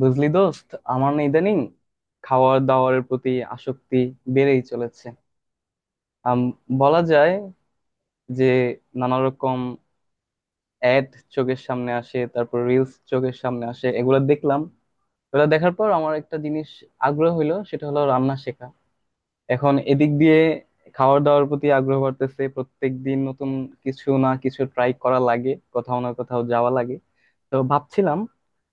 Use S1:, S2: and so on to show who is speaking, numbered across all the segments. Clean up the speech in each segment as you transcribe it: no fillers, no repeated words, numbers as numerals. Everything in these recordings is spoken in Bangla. S1: বুঝলি দোস্ত, আমার না ইদানিং খাওয়ার দাওয়ারের প্রতি আসক্তি বেড়েই চলেছে। আম, বলা যায় যে নানা রকম অ্যাড চোখের সামনে আসে, তারপর রিলস চোখের সামনে আসে। এগুলো দেখলাম, এগুলো দেখার পর আমার একটা জিনিস আগ্রহ হইলো, সেটা হলো রান্না শেখা। এখন এদিক দিয়ে খাওয়ার দাওয়ার প্রতি আগ্রহ বাড়তেছে, প্রত্যেক দিন নতুন কিছু না কিছু ট্রাই করা লাগে, কোথাও না কোথাও যাওয়া লাগে। তো ভাবছিলাম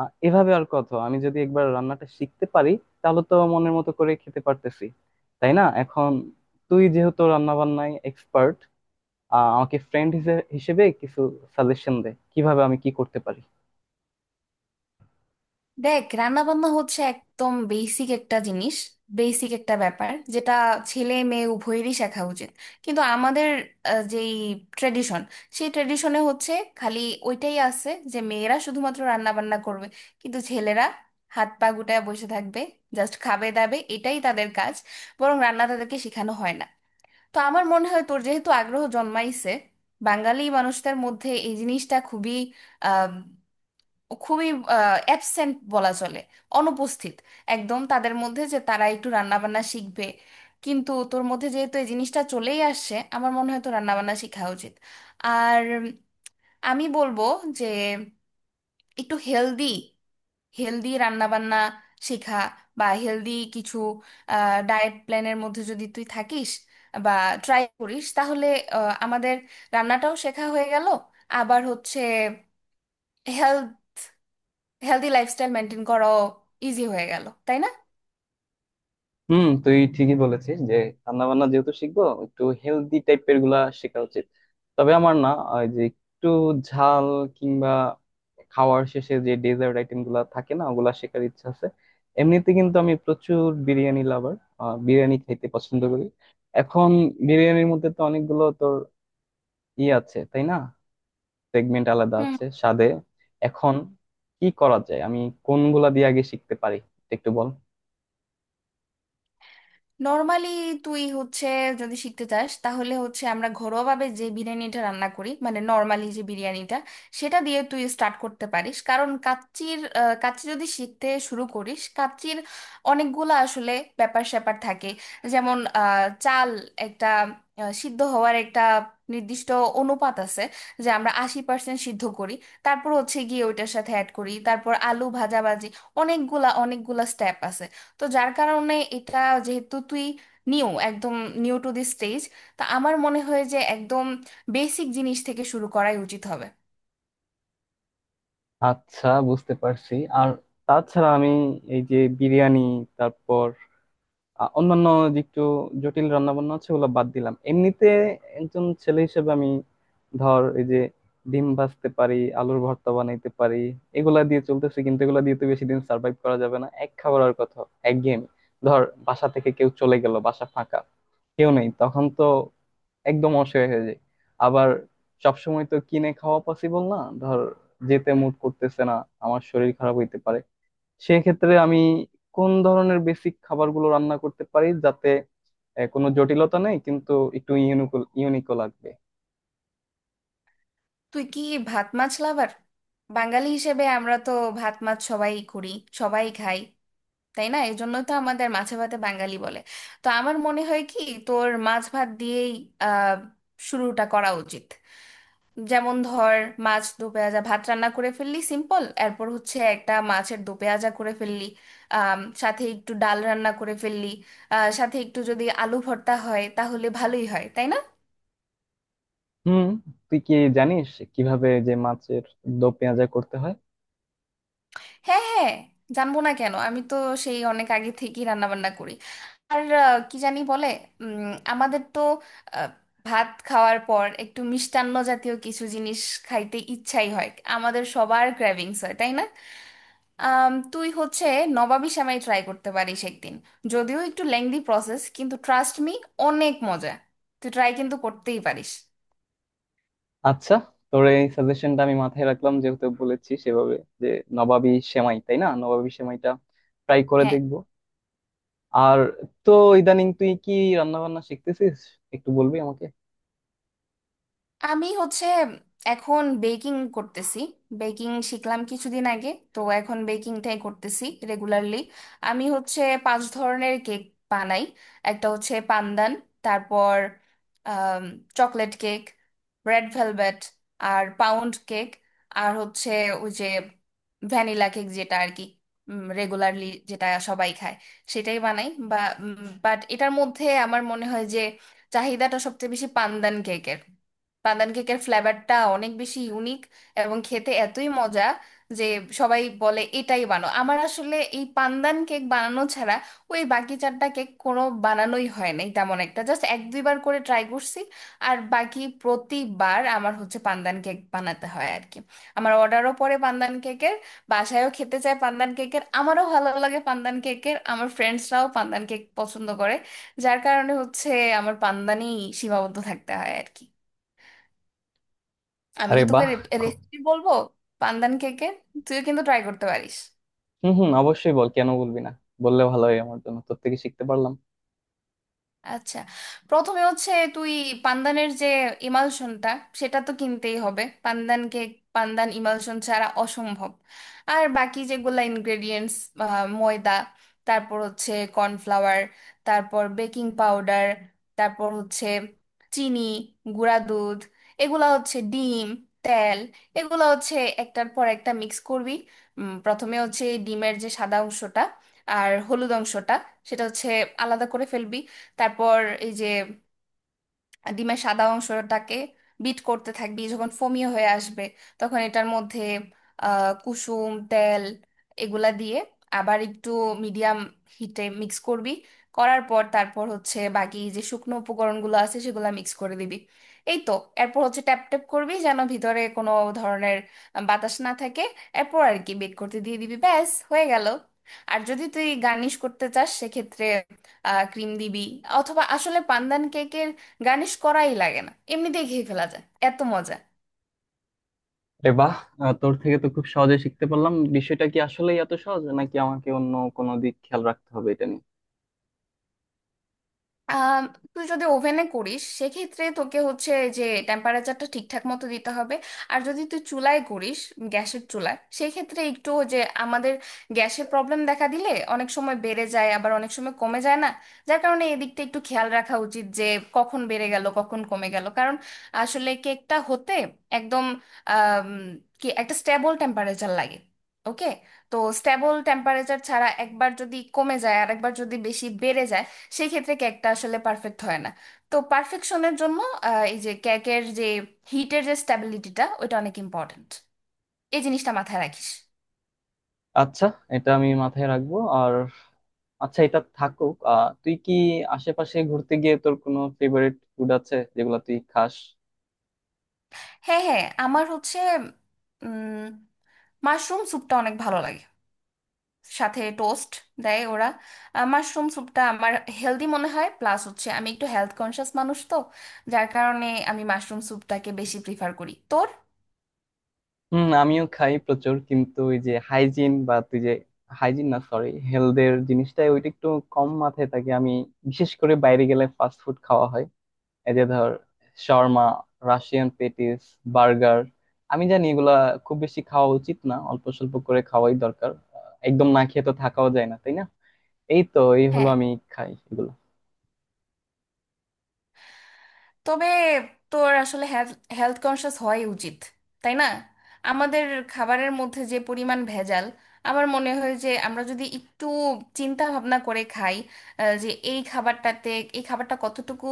S1: এভাবে আর কত, আমি যদি একবার রান্নাটা শিখতে পারি তাহলে তো মনের মতো করে খেতে পারতেছি, তাই না? এখন তুই যেহেতু রান্না বান্নায় এক্সপার্ট, আমাকে ফ্রেন্ড হিসেবে কিছু সাজেশন দে কিভাবে আমি কি করতে পারি।
S2: দেখ, রান্না বান্না হচ্ছে একদম বেসিক একটা জিনিস। বেসিক একটা ব্যাপার, যেটা ছেলে মেয়ে উভয়েরই শেখা উচিত। কিন্তু আমাদের যেই ট্রেডিশন, সেই ট্রেডিশনে হচ্ছে খালি ওইটাই আছে যে মেয়েরা শুধুমাত্র রান্না বান্না করবে, কিন্তু ছেলেরা হাত পা গুটায় বসে থাকবে, জাস্ট খাবে দাবে, এটাই তাদের কাজ। বরং রান্না তাদেরকে শেখানো হয় না। তো আমার মনে হয়, তোর যেহেতু আগ্রহ জন্মাইছে, বাঙালি মানুষদের মধ্যে এই জিনিসটা খুবই খুবই অ্যাবসেন্ট বলা চলে, অনুপস্থিত একদম তাদের মধ্যে, যে তারা একটু রান্নাবান্না শিখবে। কিন্তু তোর মধ্যে যেহেতু এই জিনিসটা চলেই আসছে, আমার মনে হয় তো রান্নাবান্না শেখা উচিত। আর আমি বলবো যে একটু হেলদি হেলদি রান্নাবান্না শেখা, বা হেলদি কিছু ডায়েট প্ল্যানের মধ্যে যদি তুই থাকিস বা ট্রাই করিস, তাহলে আমাদের রান্নাটাও শেখা হয়ে গেল, আবার হচ্ছে হেলথ হেলদি লাইফস্টাইল মেনটেন করাও ইজি হয়ে গেল, তাই না?
S1: হুম, তুই ঠিকই বলেছিস যে রান্না বান্না যেহেতু শিখবো, একটু হেলদি টাইপের গুলা শেখা উচিত। তবে আমার না ওই যে একটু ঝাল কিংবা খাওয়ার শেষে যে ডেজার্ট আইটেম গুলা থাকে না, ওগুলা শেখার ইচ্ছা আছে। এমনিতে কিন্তু আমি প্রচুর বিরিয়ানি লাভার, বিরিয়ানি খেতে পছন্দ করি। এখন বিরিয়ানির মধ্যে তো অনেকগুলো তোর ই আছে তাই না, সেগমেন্ট আলাদা
S2: হুম।
S1: আছে স্বাদে। এখন কি করা যায়, আমি কোনগুলা দিয়ে আগে শিখতে পারি একটু বল।
S2: নর্মালি তুই হচ্ছে, যদি শিখতে চাস, তাহলে হচ্ছে আমরা ঘরোয়াভাবে যে বিরিয়ানিটা রান্না করি, মানে নর্মালি যে বিরিয়ানিটা, সেটা দিয়ে তুই স্টার্ট করতে পারিস। কারণ কাচ্চি যদি শিখতে শুরু করিস, কাচ্চির অনেকগুলা আসলে ব্যাপার স্যাপার থাকে। যেমন চাল একটা সিদ্ধ হওয়ার একটা নির্দিষ্ট অনুপাত আছে, যে আমরা 80% সিদ্ধ করি, তারপর হচ্ছে গিয়ে ওইটার সাথে অ্যাড করি, তারপর আলু ভাজাভাজি। অনেকগুলা অনেকগুলা স্টেপ আছে। তো যার কারণে এটা, যেহেতু তুই একদম নিউ টু দিস স্টেজ, তা আমার মনে হয় যে একদম বেসিক জিনিস থেকে শুরু করাই উচিত হবে।
S1: আচ্ছা, বুঝতে পারছি। আর তাছাড়া আমি এই যে বিরিয়ানি, তারপর অন্যান্য যে একটু জটিল রান্না বান্না আছে ওগুলো বাদ দিলাম। এমনিতে একজন ছেলে হিসেবে আমি, ধর এই যে ডিম ভাজতে পারি, আলুর ভর্তা বানাইতে পারি, এগুলা দিয়ে চলতেছে। কিন্তু এগুলা দিয়ে তো বেশি দিন সার্ভাইভ করা যাবে না, এক খাবার আর কথা, একঘেয়েমি। ধর বাসা থেকে কেউ চলে গেল, বাসা ফাঁকা, কেউ নেই, তখন তো একদম অসহায় হয়ে যায়। আবার সবসময় তো কিনে খাওয়া পসিবল না, ধর যেতে মুড করতেছে না, আমার শরীর খারাপ হইতে পারে, সেক্ষেত্রে আমি কোন ধরনের বেসিক খাবারগুলো রান্না করতে পারি যাতে কোনো জটিলতা নেই, কিন্তু একটু ইউনিক, ইউনিকও লাগবে।
S2: তুই কি ভাত মাছ লাভার? বাঙালি হিসেবে আমরা তো ভাত মাছ সবাই করি, সবাই খাই, তাই না? এই জন্যই তো আমাদের মাছে ভাতে বাঙালি বলে। তো আমার মনে হয় কি, তোর মাছ ভাত দিয়েই আহ শুরুটা করা উচিত। যেমন ধর, মাছ দো পেঁয়াজা ভাত রান্না করে ফেললি, সিম্পল। এরপর হচ্ছে একটা মাছের দো পেঁয়াজা করে ফেললি, সাথে একটু ডাল রান্না করে ফেললি, সাথে একটু যদি আলু ভর্তা হয় তাহলে ভালোই হয়, তাই না?
S1: হুম, তুই কি জানিস কিভাবে যে মাছের দো পেঁয়াজা করতে হয়?
S2: হ্যাঁ হ্যাঁ, জানবো না কেন, আমি তো সেই অনেক আগে থেকেই রান্না বান্না করি। আর কি জানি বলে, আমাদের তো আহ, ভাত খাওয়ার পর একটু মিষ্টান্ন জাতীয় কিছু জিনিস খাইতে ইচ্ছাই হয়, আমাদের সবার ক্র্যাভিংস হয়, তাই না? তুই হচ্ছে নবাবী সেমাই ট্রাই করতে পারিস একদিন। যদিও একটু লেংদি প্রসেস, কিন্তু ট্রাস্ট মি, অনেক মজা। তুই ট্রাই কিন্তু করতেই পারিস।
S1: আচ্ছা, তোর এই সাজেশনটা আমি মাথায় রাখলাম, যেহেতু বলেছি সেভাবে, যে নবাবী সেমাই, তাই না? নবাবী সেমাইটা ট্রাই করে
S2: হ্যাঁ।
S1: দেখবো। আর তো ইদানিং তুই কি রান্না বান্না শিখতেছিস, একটু বলবি আমাকে?
S2: আমি হচ্ছে এখন বেকিং করতেছি। বেকিং শিখলাম কিছুদিন আগে, তো এখন বেকিংটাই করতেছি রেগুলারলি। আমি হচ্ছে পাঁচ ধরনের কেক বানাই। একটা হচ্ছে পান্দান, তারপর চকলেট কেক, রেড ভেলভেট, আর পাউন্ড কেক, আর হচ্ছে ওই যে ভ্যানিলা কেক, যেটা আর কি রেগুলারলি যেটা সবাই খায়, সেটাই বানাই। বাট এটার মধ্যে আমার মনে হয় যে চাহিদাটা সবচেয়ে বেশি পান্দান কেকের। বাদাম কেকের ফ্লেভারটা অনেক বেশি ইউনিক এবং খেতে এতই মজা যে সবাই বলে এটাই বানাও। আমার আসলে এই পান্দান কেক বানানো ছাড়া ওই বাকি চারটা কেক কোনো বানানোই হয় নাই তেমন একটা, জাস্ট এক দুইবার করে ট্রাই করছি। আর বাকি প্রতিবার আমার হচ্ছে পান্দান কেক বানাতে হয় আর কি। আমার অর্ডারও পরে পান্দান কেকের, বাসায়ও খেতে চায় পান্দান কেকের, আমারও ভালো লাগে পান্দান কেকের, আমার ফ্রেন্ডসরাও পান্দান কেক পছন্দ করে। যার কারণে হচ্ছে আমার পান্দানেই সীমাবদ্ধ থাকতে হয় আর কি। আমি
S1: আরে
S2: কি তোকে
S1: বাহ! খু-
S2: রেসিপি বলবো পান্দান কেকের? তুইও কিন্তু ট্রাই করতে পারিস।
S1: হুম হুম, অবশ্যই বল, কেন বলবি না, বললে ভালো হয় আমার জন্য, তোর থেকে শিখতে পারলাম।
S2: আচ্ছা, প্রথমে হচ্ছে তুই পানদানের যে ইমালশনটা, সেটা তো কিনতেই হবে। পানদানকে, পানদান ইমালশন ছাড়া অসম্ভব। আর বাকি যেগুলা ইনগ্রেডিয়েন্টস, ময়দা, তারপর হচ্ছে কর্নফ্লাওয়ার, তারপর বেকিং পাউডার, তারপর হচ্ছে চিনি, গুঁড়া দুধ, এগুলা হচ্ছে। ডিম, তেল, এগুলা হচ্ছে একটার পর একটা মিক্স করবি। প্রথমে হচ্ছে এই ডিমের যে সাদা অংশটা আর হলুদ অংশটা, সেটা হচ্ছে আলাদা করে ফেলবি। তারপর এই যে ডিমের সাদা অংশটাকে বিট করতে থাকবি, যখন ফোমিয়ে হয়ে আসবে, তখন এটার মধ্যে কুসুম তেল এগুলা দিয়ে আবার একটু মিডিয়াম হিটে মিক্স করবি। করার পর তারপর হচ্ছে বাকি যে শুকনো উপকরণগুলো আছে, সেগুলো মিক্স করে দিবি। এই তো। এরপর হচ্ছে ট্যাপ ট্যাপ করবি, যেন ভিতরে কোনো ধরনের বাতাস না থাকে। এরপর আর কি বেক করতে দিয়ে দিবি, ব্যাস হয়ে গেল। আর যদি তুই গার্নিশ করতে চাস, সেক্ষেত্রে ক্রিম দিবি। অথবা আসলে পান্দান কেকের গার্নিশ করাই লাগে না, এমনিতেই খেয়ে ফেলা যায়, এত মজা।
S1: আরে বাহ! তোর থেকে তো খুব সহজে শিখতে পারলাম। বিষয়টা কি আসলেই এত সহজ, নাকি আমাকে অন্য কোনো দিক খেয়াল রাখতে হবে এটা নিয়ে?
S2: আম, তুই যদি ওভেনে করিস, সেক্ষেত্রে তোকে হচ্ছে যে টেম্পারেচারটা ঠিকঠাক মতো দিতে হবে। আর যদি তুই চুলায় করিস, গ্যাসের চুলায়, সেক্ষেত্রে একটু, যে আমাদের গ্যাসের প্রবলেম দেখা দিলে অনেক সময় বেড়ে যায়, আবার অনেক সময় কমে যায় না, যার কারণে এদিকটা একটু খেয়াল রাখা উচিত। যে কখন বেড়ে গেল, কখন কমে গেল, কারণ আসলে কেকটা হতে একদম আম, কি একটা স্টেবল টেম্পারেচার লাগে। ওকে, তো স্টেবল টেম্পারেচার ছাড়া একবার যদি কমে যায়, আর একবার যদি বেশি বেড়ে যায়, সেই ক্ষেত্রে কেকটা আসলে পারফেক্ট হয় না। তো পারফেকশনের জন্য, এই যে কেকের যে হিটের যে স্ট্যাবিলিটিটা, ওইটা অনেক ইম্পর্ট্যান্ট, এই জিনিসটা মাথায় রাখিস।
S1: আচ্ছা, এটা আমি মাথায় রাখবো। আর আচ্ছা, এটা থাকুক। আহ, তুই কি আশেপাশে ঘুরতে গিয়ে তোর কোনো ফেভারিট ফুড আছে যেগুলো তুই খাস?
S2: হ্যাঁ হ্যাঁ, আমার হচ্ছে মাশরুম স্যুপটা অনেক ভালো লাগে। সাথে টোস্ট দেয় ওরা। মাশরুম স্যুপটা আমার হেলদি মনে হয়, প্লাস হচ্ছে আমি একটু হেলথ কনসিয়াস মানুষ তো, যার কারণে আমি মাশরুম স্যুপটাকে বেশি প্রিফার করি তোর।
S1: হুম, আমিও খাই প্রচুর। কিন্তু ওই যে হাইজিন, বা তুই যে হাইজিন না সরি হেলথের জিনিসটাই, ওইটা একটু কম মাথায় থাকে আমি। বিশেষ করে বাইরে গেলে ফাস্ট ফুড খাওয়া হয়, এই যে ধর শর্মা, রাশিয়ান পেটিস, বার্গার। আমি জানি এগুলা খুব বেশি খাওয়া উচিত না, অল্প স্বল্প করে খাওয়াই দরকার। আহ, একদম না খেয়ে তো থাকাও যায় না, তাই না? এই তো, এই হলো,
S2: হ্যাঁ।
S1: আমি খাই এগুলো।
S2: তবে তোর আসলে হেলথ কনসিয়াস হওয়াই উচিত, তাই না? আমাদের খাবারের মধ্যে যে পরিমাণ ভেজাল, আমার মনে হয় যে আমরা যদি একটু চিন্তা ভাবনা করে খাই, যে এই খাবারটাতে, এই খাবারটা কতটুকু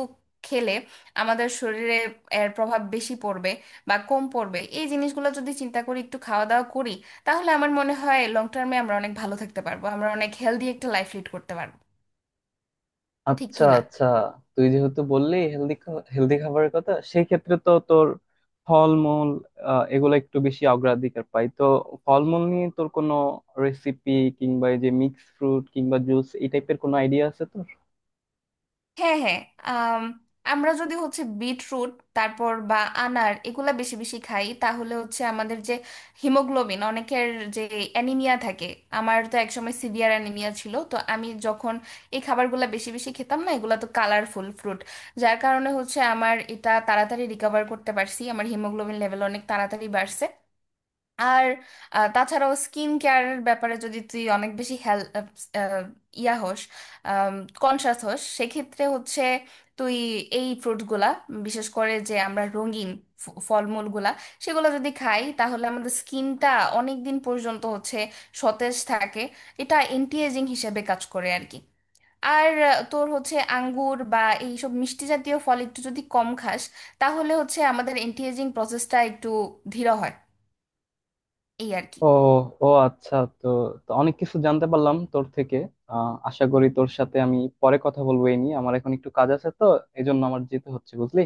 S2: খেলে আমাদের শরীরে এর প্রভাব বেশি পড়বে বা কম পড়বে, এই জিনিসগুলো যদি চিন্তা করি, একটু খাওয়া দাওয়া করি, তাহলে আমার মনে হয় লং টার্মে আমরা অনেক ভালো থাকতে পারবো, আমরা অনেক হেলদি একটা লাইফ লিড করতে পারবো। ঠিক
S1: আচ্ছা
S2: কি না?
S1: আচ্ছা, তুই যেহেতু বললি হেলদি, হেলদি খাবারের কথা, সেই ক্ষেত্রে তো তোর ফলমূল, আহ, এগুলো একটু বেশি অগ্রাধিকার পাই তো। ফলমূল নিয়ে তোর কোনো রেসিপি কিংবা এই যে মিক্স ফ্রুট কিংবা জুস এই টাইপের কোনো আইডিয়া আছে তোর?
S2: হ্যাঁ হ্যাঁ আম, আমরা যদি হচ্ছে বিটরুট, তারপর বা আনার, এগুলা বেশি বেশি খাই, তাহলে হচ্ছে আমাদের যে হিমোগ্লোবিন, অনেকের যে অ্যানিমিয়া থাকে, আমার তো একসময় সিভিয়ার অ্যানিমিয়া ছিল, তো আমি যখন এই খাবারগুলা বেশি বেশি খেতাম না, এগুলা তো কালারফুল ফ্রুট, যার কারণে হচ্ছে আমার এটা তাড়াতাড়ি রিকভার করতে পারছি, আমার হিমোগ্লোবিন লেভেল অনেক তাড়াতাড়ি বাড়ছে। আর তাছাড়াও স্কিন কেয়ারের ব্যাপারে যদি তুই অনেক বেশি হেল আহ, আহ, ইয়া হোস, কনসাস হোস, সেক্ষেত্রে হচ্ছে তুই এই ফ্রুটগুলা, বিশেষ করে যে আমরা রঙিন ফলমূলগুলা, সেগুলো যদি খাই, তাহলে আমাদের স্কিনটা অনেক দিন পর্যন্ত হচ্ছে সতেজ থাকে। এটা অ্যান্টি এজিং হিসেবে কাজ করে আর কি। আর তোর হচ্ছে আঙ্গুর বা এইসব মিষ্টি জাতীয় ফল একটু যদি কম খাস, তাহলে হচ্ছে আমাদের অ্যান্টি এজিং প্রসেসটা একটু ধীর হয়, এই আর কি।
S1: ও, ও আচ্ছা। তো তো অনেক কিছু জানতে পারলাম তোর থেকে। আহ, আশা করি তোর সাথে আমি পরে কথা বলবো এই নিয়ে। আমার এখন একটু কাজ আছে তো, এজন্য আমার যেতে হচ্ছে, বুঝলি।